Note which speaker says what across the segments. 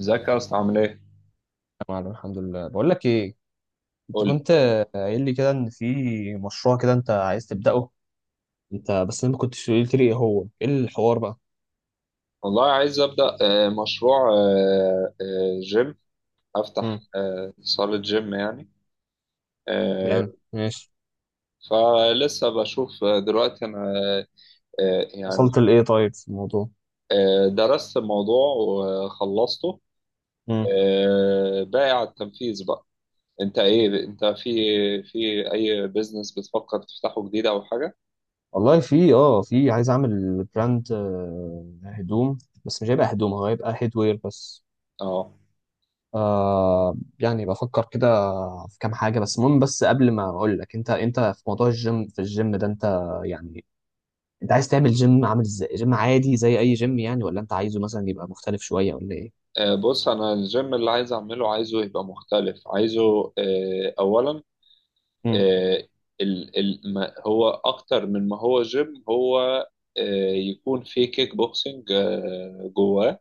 Speaker 1: ازيك يا اسطى عامل ايه؟
Speaker 2: معلم، الحمد لله. بقول لك ايه، انت
Speaker 1: قول لي.
Speaker 2: كنت قايل لي كده ان في مشروع كده انت عايز تبدأه، انت بس انا ما كنتش قلت لي ايه هو، ايه الحوار بقى؟
Speaker 1: والله عايز ابدا، مشروع، جيم افتح
Speaker 2: امم.
Speaker 1: صالة جيم يعني. آه،
Speaker 2: جامد ماشي.
Speaker 1: فلسه بشوف، دلوقتي انا يعني
Speaker 2: وصلت لايه طيب في الموضوع؟
Speaker 1: درست الموضوع وخلصته،
Speaker 2: امم.
Speaker 1: باقي على التنفيذ بقى. انت ايه، انت في اي بيزنس بتفكر تفتحه جديد او حاجة؟
Speaker 2: والله في في عايز اعمل براند هدوم، بس مش هيبقى هدوم، هو هيبقى هيدوير بس.
Speaker 1: اه.
Speaker 2: يعني بفكر كده في كام حاجة. بس المهم، بس قبل ما اقول لك انت في موضوع الجيم، في الجيم ده انت يعني، انت عايز تعمل جيم عامل ازاي؟ جيم عادي زي اي جيم يعني، ولا انت عايزه مثلا يبقى مختلف شويه، ولا ايه؟
Speaker 1: بص، انا الجيم اللي عايز اعمله، عايزه يبقى مختلف، عايزه اولا،
Speaker 2: مم.
Speaker 1: آه، ال ما هو اكتر من ما هو جيم، هو يكون في كيك بوكسينج جواه،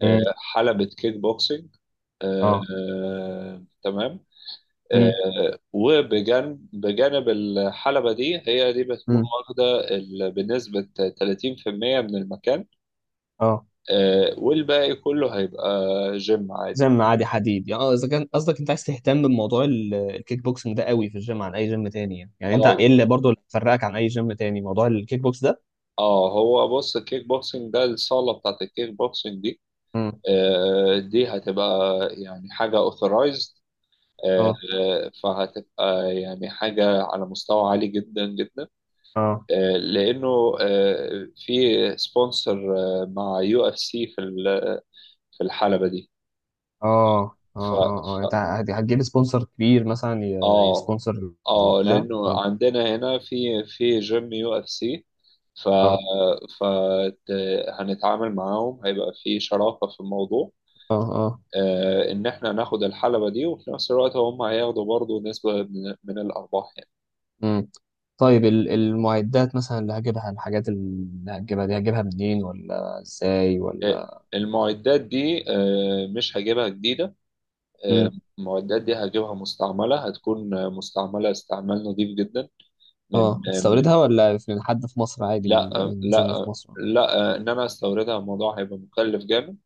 Speaker 2: مم.
Speaker 1: حلبة كيك بوكسينج،
Speaker 2: اه.
Speaker 1: تمام.
Speaker 2: مم.
Speaker 1: وبجانب بجانب الحلبة دي، هي دي بتكون
Speaker 2: مم.
Speaker 1: واخدة ال- بنسبة 30% من المكان،
Speaker 2: اه.
Speaker 1: والباقي كله هيبقى جيم عادي
Speaker 2: جيم
Speaker 1: بقى.
Speaker 2: عادي حديد يعني. اه، اذا كان قصدك انت عايز تهتم بموضوع الكيك بوكسنج ده قوي في الجيم عن اي جيم تاني، يعني يعني انت
Speaker 1: اه
Speaker 2: ايه اللي برضه اللي فرقك عن اي جيم تاني؟ موضوع الكيك بوكس ده.
Speaker 1: اه، هو بص، الكيك بوكسينج ده، الصالة بتاعت الكيك بوكسينج دي،
Speaker 2: مم.
Speaker 1: دي هتبقى يعني حاجة authorized،
Speaker 2: اه.
Speaker 1: آه، فهتبقى يعني حاجة على مستوى عالي جدا جدا،
Speaker 2: اه.
Speaker 1: لأنه في سبونسر مع يو اف سي في ال- في الحلبة دي.
Speaker 2: اه.
Speaker 1: ف
Speaker 2: اه. اه. اه. انت
Speaker 1: ف-
Speaker 2: هتجيب سبونسر كبير مثلا؟
Speaker 1: اه
Speaker 2: يسبونسر
Speaker 1: اه،
Speaker 2: بتاع
Speaker 1: لأنه
Speaker 2: اه.
Speaker 1: عندنا هنا في جيم يو اف سي، ف
Speaker 2: اه.
Speaker 1: ف ت- هنتعامل معاهم، هيبقى في شراكة في الموضوع،
Speaker 2: اه. اه.
Speaker 1: ان احنا ناخد الحلبة دي، وفي نفس الوقت هم هياخدوا برضو نسبة من الارباح يعني.
Speaker 2: طيب، المعدات مثلا اللي هجيبها، الحاجات اللي هتجيبها دي هجيبها منين ولا ازاي
Speaker 1: آه،
Speaker 2: ولا؟
Speaker 1: المعدات دي مش هجيبها جديدة، آه،
Speaker 2: امم.
Speaker 1: المعدات دي هجيبها مستعملة، هتكون مستعملة استعمال نظيف جدا، من
Speaker 2: اه،
Speaker 1: آه، من-
Speaker 2: هتستوردها ولا من حد في مصر عادي؟ من
Speaker 1: لا، لا،
Speaker 2: جيم في مصر؟
Speaker 1: لا، ان انا استوردها الموضوع هيبقى مكلف جامد.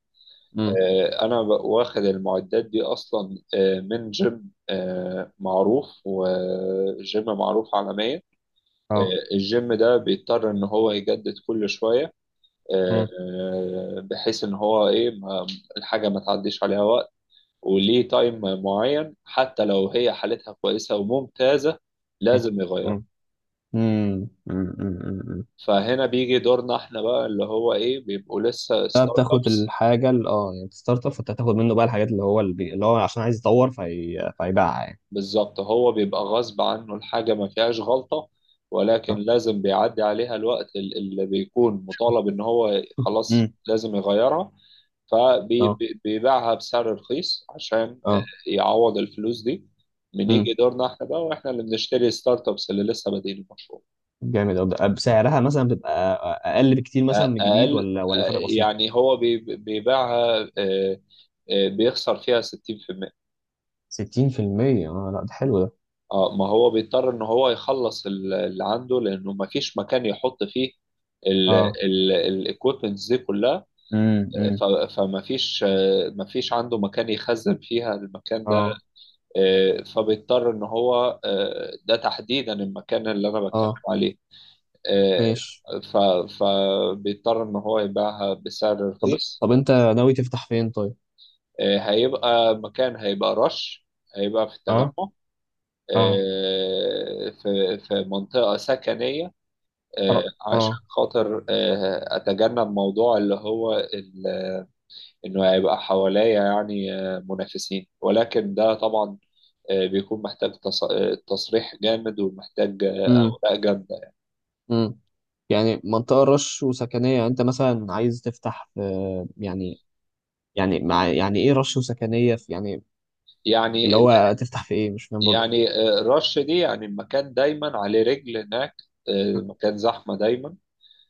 Speaker 2: امم.
Speaker 1: انا واخد المعدات دي اصلا من جيم معروف، وجيم معروف عالميا.
Speaker 2: اه.
Speaker 1: الجيم ده بيضطر ان هو يجدد كل شويه،
Speaker 2: امم.
Speaker 1: بحيث ان هو ايه، الحاجه ما تعديش عليها وقت، وليه تايم معين، حتى لو هي حالتها كويسه وممتازه، لازم يغير.
Speaker 2: امم. امم. امم.
Speaker 1: فهنا بيجي دورنا احنا بقى، اللي هو ايه، بيبقوا لسه
Speaker 2: ده
Speaker 1: ستارت
Speaker 2: بتاخد
Speaker 1: ابس.
Speaker 2: الحاجة اللي يعني الستارت اب، فانت هتاخد منه بقى الحاجات اللي هو اللي هو عشان عايز يطور، فهيبيعها يعني.
Speaker 1: بالظبط، هو بيبقى غصب عنه، الحاجه ما فيهاش غلطه، ولكن
Speaker 2: اه.
Speaker 1: لازم بيعدي عليها الوقت ال- اللي بيكون مطالب ان هو خلاص
Speaker 2: امم.
Speaker 1: لازم يغيرها.
Speaker 2: اه.
Speaker 1: فبيبيعها بسعر رخيص عشان
Speaker 2: اه.
Speaker 1: يعوض الفلوس دي، من يجي
Speaker 2: امم.
Speaker 1: دورنا احنا بقى، واحنا اللي بنشتري ستارت ابس اللي لسه بادئين المشروع.
Speaker 2: جامد أوي. ده بسعرها مثلا بتبقى اقل بكتير
Speaker 1: أ-
Speaker 2: مثلا من الجديد،
Speaker 1: اقل.
Speaker 2: ولا فرق
Speaker 1: أ-
Speaker 2: بسيط؟
Speaker 1: يعني هو بيبيعها بيخسر فيها 60%.
Speaker 2: 60%. اه، لا ده حلو ده.
Speaker 1: اه، ما هو بيضطر ان هو يخلص ال- اللي عنده، لانه ما فيش مكان يحط فيه
Speaker 2: اه.
Speaker 1: الايكويبمنتس دي كلها،
Speaker 2: امم. امم.
Speaker 1: فما فيش، آه، ما فيش عنده مكان يخزن فيها المكان،
Speaker 2: اه.
Speaker 1: فبيضطر ان هو ده تحديدا المكان اللي انا بتكلم
Speaker 2: اه.
Speaker 1: عليه. آه،
Speaker 2: ماشي.
Speaker 1: ف- فبيضطر ان هو يبيعها بسعر
Speaker 2: طب
Speaker 1: رخيص.
Speaker 2: طب انت ناوي تفتح فين طيب؟
Speaker 1: هيبقى مكان، هيبقى رش، هيبقى في التجمع،
Speaker 2: اه. اه.
Speaker 1: في منطقة سكنية،
Speaker 2: أر-
Speaker 1: عشان
Speaker 2: اه.
Speaker 1: خاطر أتجنب موضوع اللي هو إنه هيبقى حواليا يعني منافسين. ولكن ده طبعا بيكون محتاج تصريح جامد، ومحتاج
Speaker 2: امم.
Speaker 1: أوراق جامدة.
Speaker 2: امم. يعني منطقة رش وسكنية؟ يعني انت مثلا عايز تفتح في، يعني يعني مع، يعني ايه رش وسكنية في يعني؟ اللي
Speaker 1: يعني ال-
Speaker 2: هو تفتح في ايه؟ مش فاهم برضه.
Speaker 1: يعني الرش دي يعني المكان دايما عليه رجل هناك، مكان زحمة دايما،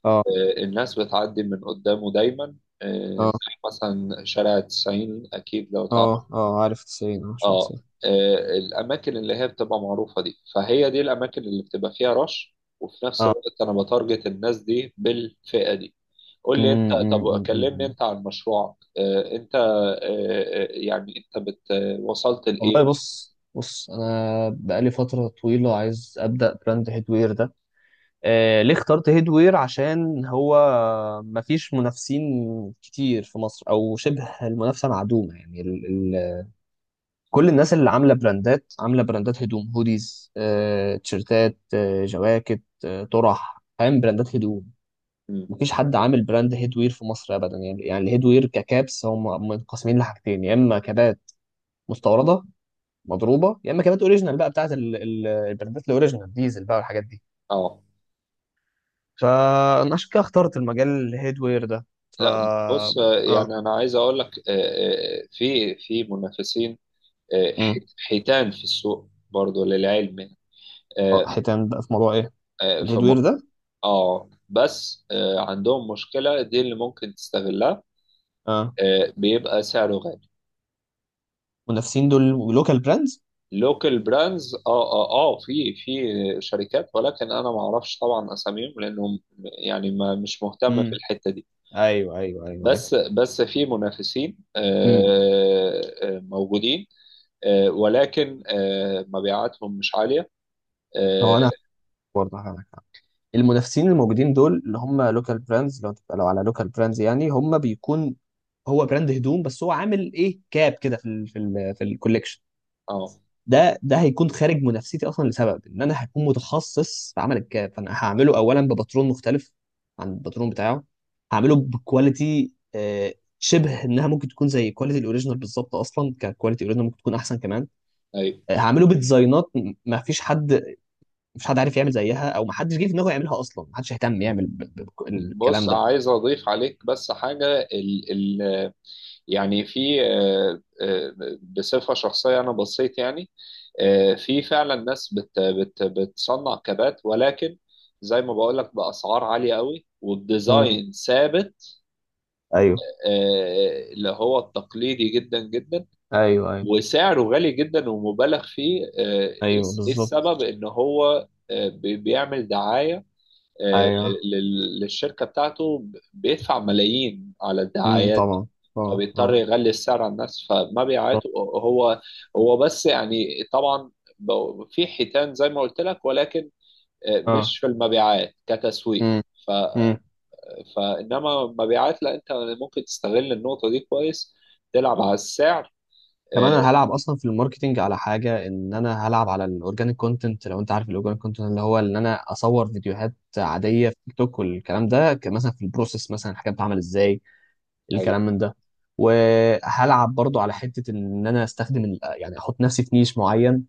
Speaker 2: اه.
Speaker 1: الناس بتعدي من قدامه دايما،
Speaker 2: اه.
Speaker 1: زي مثلا شارع 90، أكيد لو تعرف.
Speaker 2: اه. اه، عارف 90، اه شوية
Speaker 1: اه.
Speaker 2: 90.
Speaker 1: الأماكن اللي هي بتبقى معروفة دي، فهي دي الأماكن اللي بتبقى فيها رش، وفي نفس
Speaker 2: اه.
Speaker 1: الوقت أنا بتارجت الناس دي بالفئة دي. قول لي انت، طب كلمني
Speaker 2: امم.
Speaker 1: انت عن مشروعك. اه، انت يعني انت بت وصلت
Speaker 2: والله،
Speaker 1: لايه.
Speaker 2: بص بص انا بقالي فتره طويله عايز ابدا براند هيدوير ده. ليه اخترت هيدوير؟ عشان هو مفيش منافسين كتير في مصر، او شبه المنافسه معدومه يعني. ال ال كل الناس اللي عامله براندات، عامله براندات هدوم، هوديز، تيشرتات، جواكت، طرح، فاهم؟ براندات هدوم.
Speaker 1: مم.
Speaker 2: مفيش حد عامل براند هيدوير في مصر ابدا يعني. يعني الهيدوير ككابس هم منقسمين لحاجتين، يا اما كابات مستورده مضروبه، يا اما كابات اوريجينال بقى بتاعت البرنات الاوريجينال، ديزل بقى والحاجات دي.
Speaker 1: اه،
Speaker 2: فانا عشان كده اخترت المجال الهيدوير ده. ف
Speaker 1: لا، بص،
Speaker 2: اه
Speaker 1: يعني انا عايز اقول لك، في منافسين،
Speaker 2: امم.
Speaker 1: حيتان في السوق برضو للعلم.
Speaker 2: اه،
Speaker 1: آه،
Speaker 2: حيتان بقى في موضوع ايه؟
Speaker 1: آه،
Speaker 2: الهيدوير
Speaker 1: فم
Speaker 2: ده.
Speaker 1: اه بس عندهم مشكلة، دي اللي ممكن تستغلها،
Speaker 2: اه،
Speaker 1: بيبقى سعره غالي.
Speaker 2: منافسين دول، لوكال براندز.
Speaker 1: لوكال براندز، اه اه اه، في شركات، ولكن انا ما اعرفش طبعا اساميهم، لانهم يعني ما، مش مهتم في
Speaker 2: امم.
Speaker 1: الحته دي.
Speaker 2: ايوه، ايوه، ايوه، ايوه.
Speaker 1: بس في منافسين
Speaker 2: امم.
Speaker 1: موجودين، ولكن مبيعاتهم مش عاليه. اه.
Speaker 2: هو انا برضه هقولك حاجة. المنافسين الموجودين دول اللي هم لوكال براندز، لو تبقى، لو على لوكال براندز يعني، هم بيكون، هو براند هدوم بس هو عامل ايه كاب كده في الكوليكشن.
Speaker 1: آه.
Speaker 2: ده هيكون خارج منافستي اصلا، لسبب ان انا هكون متخصص في عمل الكاب. فانا هعمله اولا بباترون مختلف عن الباترون بتاعه. هعمله بكواليتي شبه انها ممكن تكون زي كواليتي الاوريجينال بالظبط، اصلا ككواليتي الاوريجينال ممكن تكون احسن كمان.
Speaker 1: طيب،
Speaker 2: هعمله بديزاينات ما فيش حد عارف يعمل زيها، او ما حدش جه في دماغه يعملها اصلا، ما حدش اهتم يعمل
Speaker 1: بص،
Speaker 2: الكلام ده.
Speaker 1: عايز اضيف عليك بس حاجه. ال يعني في، بصفة شخصية أنا بصيت يعني في فعلا ناس بت بتصنع كبات، ولكن زي ما بقول لك بأسعار عالية قوي،
Speaker 2: امم.
Speaker 1: والديزاين ثابت،
Speaker 2: ايوه،
Speaker 1: اللي هو التقليدي جدا جدا،
Speaker 2: ايوه، ايوه،
Speaker 1: وسعره غالي جدا ومبالغ فيه، ايه
Speaker 2: ايوه.
Speaker 1: إيه السبب؟
Speaker 2: بالظبط.
Speaker 1: ان هو بيعمل دعاية،
Speaker 2: ايوه.
Speaker 1: للشركة بتاعته، بيدفع ملايين على
Speaker 2: امم.
Speaker 1: الدعايات،
Speaker 2: طبعا، طبعا.
Speaker 1: فبيضطر
Speaker 2: اه.
Speaker 1: يغلي السعر على الناس، فما بيعيط هو، هو بس، يعني طبعا في حيتان زي ما قلت لك، ولكن
Speaker 2: اه.
Speaker 1: مش في المبيعات كتسويق. ف
Speaker 2: امم.
Speaker 1: فانما المبيعات، لا، انت ممكن تستغل النقطه دي كويس، تلعب على السعر.
Speaker 2: كمان انا
Speaker 1: آه،
Speaker 2: هلعب اصلا في الماركتينج على حاجه، ان انا هلعب على الاورجانيك كونتنت. لو انت عارف الاورجانيك كونتنت، اللي هو ان انا اصور فيديوهات عاديه في تيك توك والكلام ده، مثلا في البروسيس مثلا الحاجات بتتعمل ازاي،
Speaker 1: ايوه
Speaker 2: الكلام من ده. وهلعب برضو على حته ان انا استخدم يعني احط نفسي في نيش معين،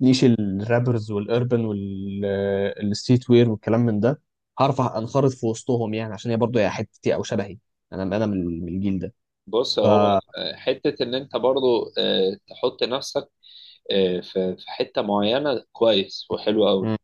Speaker 2: نيش الرابرز والاربن والستريت وير والكلام من ده. هعرف انخرط في وسطهم يعني، عشان هي برضو هي حتتي او شبهي. انا من الجيل ده.
Speaker 1: بص
Speaker 2: ف
Speaker 1: هو حته ان انت برضو تحط نفسك في حته معينه كويس وحلو قوي،
Speaker 2: مم.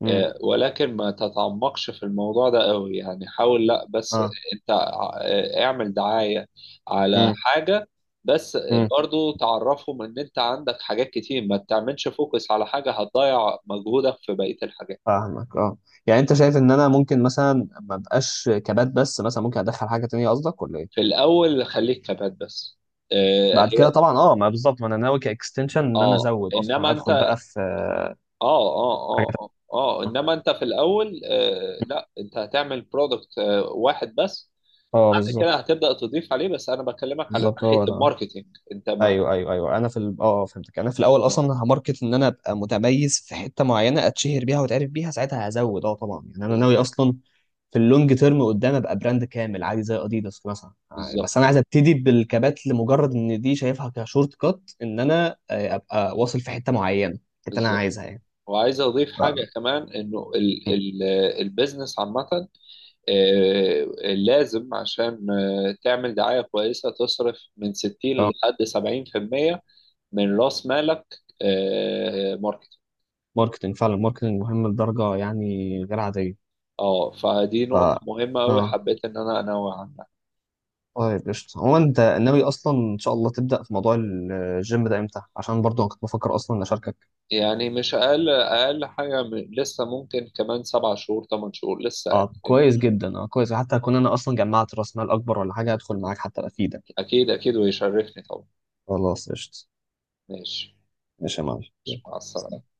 Speaker 2: مم.
Speaker 1: ولكن ما تتعمقش في الموضوع ده قوي يعني. حاول لا بس.
Speaker 2: اه.
Speaker 1: انت اعمل دعاية على
Speaker 2: مم.
Speaker 1: حاجة بس،
Speaker 2: مم.
Speaker 1: برضو تعرفهم ان انت عندك حاجات كتير، ما تعملش فوكس على حاجة هتضيع مجهودك في بقية الحاجات.
Speaker 2: فاهمك. اه، يعني انت شايف ان انا ممكن مثلا ما ابقاش كبات بس، مثلا ممكن ادخل حاجه تانية قصدك، ولا
Speaker 1: في
Speaker 2: ايه؟
Speaker 1: الاول خليك كبات بس.
Speaker 2: بعد كده
Speaker 1: هي
Speaker 2: طبعا، اه، ما بالظبط، ما انا ناوي كاكستنشن ان انا
Speaker 1: اه،
Speaker 2: ازود
Speaker 1: انما
Speaker 2: اصلا،
Speaker 1: انت
Speaker 2: ادخل بقى في
Speaker 1: اه
Speaker 2: حاجه تانية.
Speaker 1: انما انت في الاول، آه لا، انت هتعمل برودكت آه، واحد بس،
Speaker 2: اه،
Speaker 1: كده
Speaker 2: بالظبط.
Speaker 1: هتبدأ تضيف عليه، بس انا بكلمك على
Speaker 2: بالظبط،
Speaker 1: ناحية
Speaker 2: هو ده.
Speaker 1: الماركتينج. انت ما
Speaker 2: ايوه، ايوه، ايوه. انا في ال... اه آه، فهمتك. انا في الاول
Speaker 1: اه،
Speaker 2: اصلا هماركت ان انا ابقى متميز في حته معينه، اتشهر بيها واتعرف بيها ساعتها هزود. اه، طبعا، يعني انا ناوي
Speaker 1: بالظبط
Speaker 2: اصلا في اللونج تيرم قدام ابقى براند كامل عادي زي اديداس مثلا يعني. بس انا
Speaker 1: بالظبط
Speaker 2: عايز ابتدي بالكبات لمجرد ان دي شايفها كشورت كات، ان انا ابقى واصل في حته معينه، الحته اللي انا
Speaker 1: بالظبط.
Speaker 2: عايزها يعني.
Speaker 1: وعايز اضيف
Speaker 2: ف...
Speaker 1: حاجة كمان، انه ال
Speaker 2: م.
Speaker 1: ال البيزنس عامة، آه، لازم عشان تعمل دعاية كويسة، تصرف من 60
Speaker 2: اه.
Speaker 1: لحد 70% من رأس مالك ماركتينج.
Speaker 2: ماركتنج فعلا، ماركتنج مهم لدرجه يعني غير عاديه.
Speaker 1: اه، فدي
Speaker 2: ف
Speaker 1: نقطة مهمة قوي،
Speaker 2: اه
Speaker 1: حبيت ان انا انوه عنها.
Speaker 2: طيب، قشطة. هو انت ناوي اصلا ان شاء الله تبدأ في موضوع الجيم ده امتى؟ عشان برضو انا كنت بفكر اصلا اشاركك.
Speaker 1: يعني مش اقل اقل حاجة لسه، ممكن كمان 7 شهور 8 شهور لسه
Speaker 2: اه
Speaker 1: يعني.
Speaker 2: كويس جدا. اه كويس، حتى اكون انا اصلا جمعت راس مال اكبر، ولا حاجة، ادخل معاك حتى افيدك.
Speaker 1: أكيد أكيد، ويشرفني طبعا.
Speaker 2: خلاص قشطة.
Speaker 1: ماشي.
Speaker 2: ماشي يا معلم. يلا.
Speaker 1: مش، مع السلامة.
Speaker 2: سلام.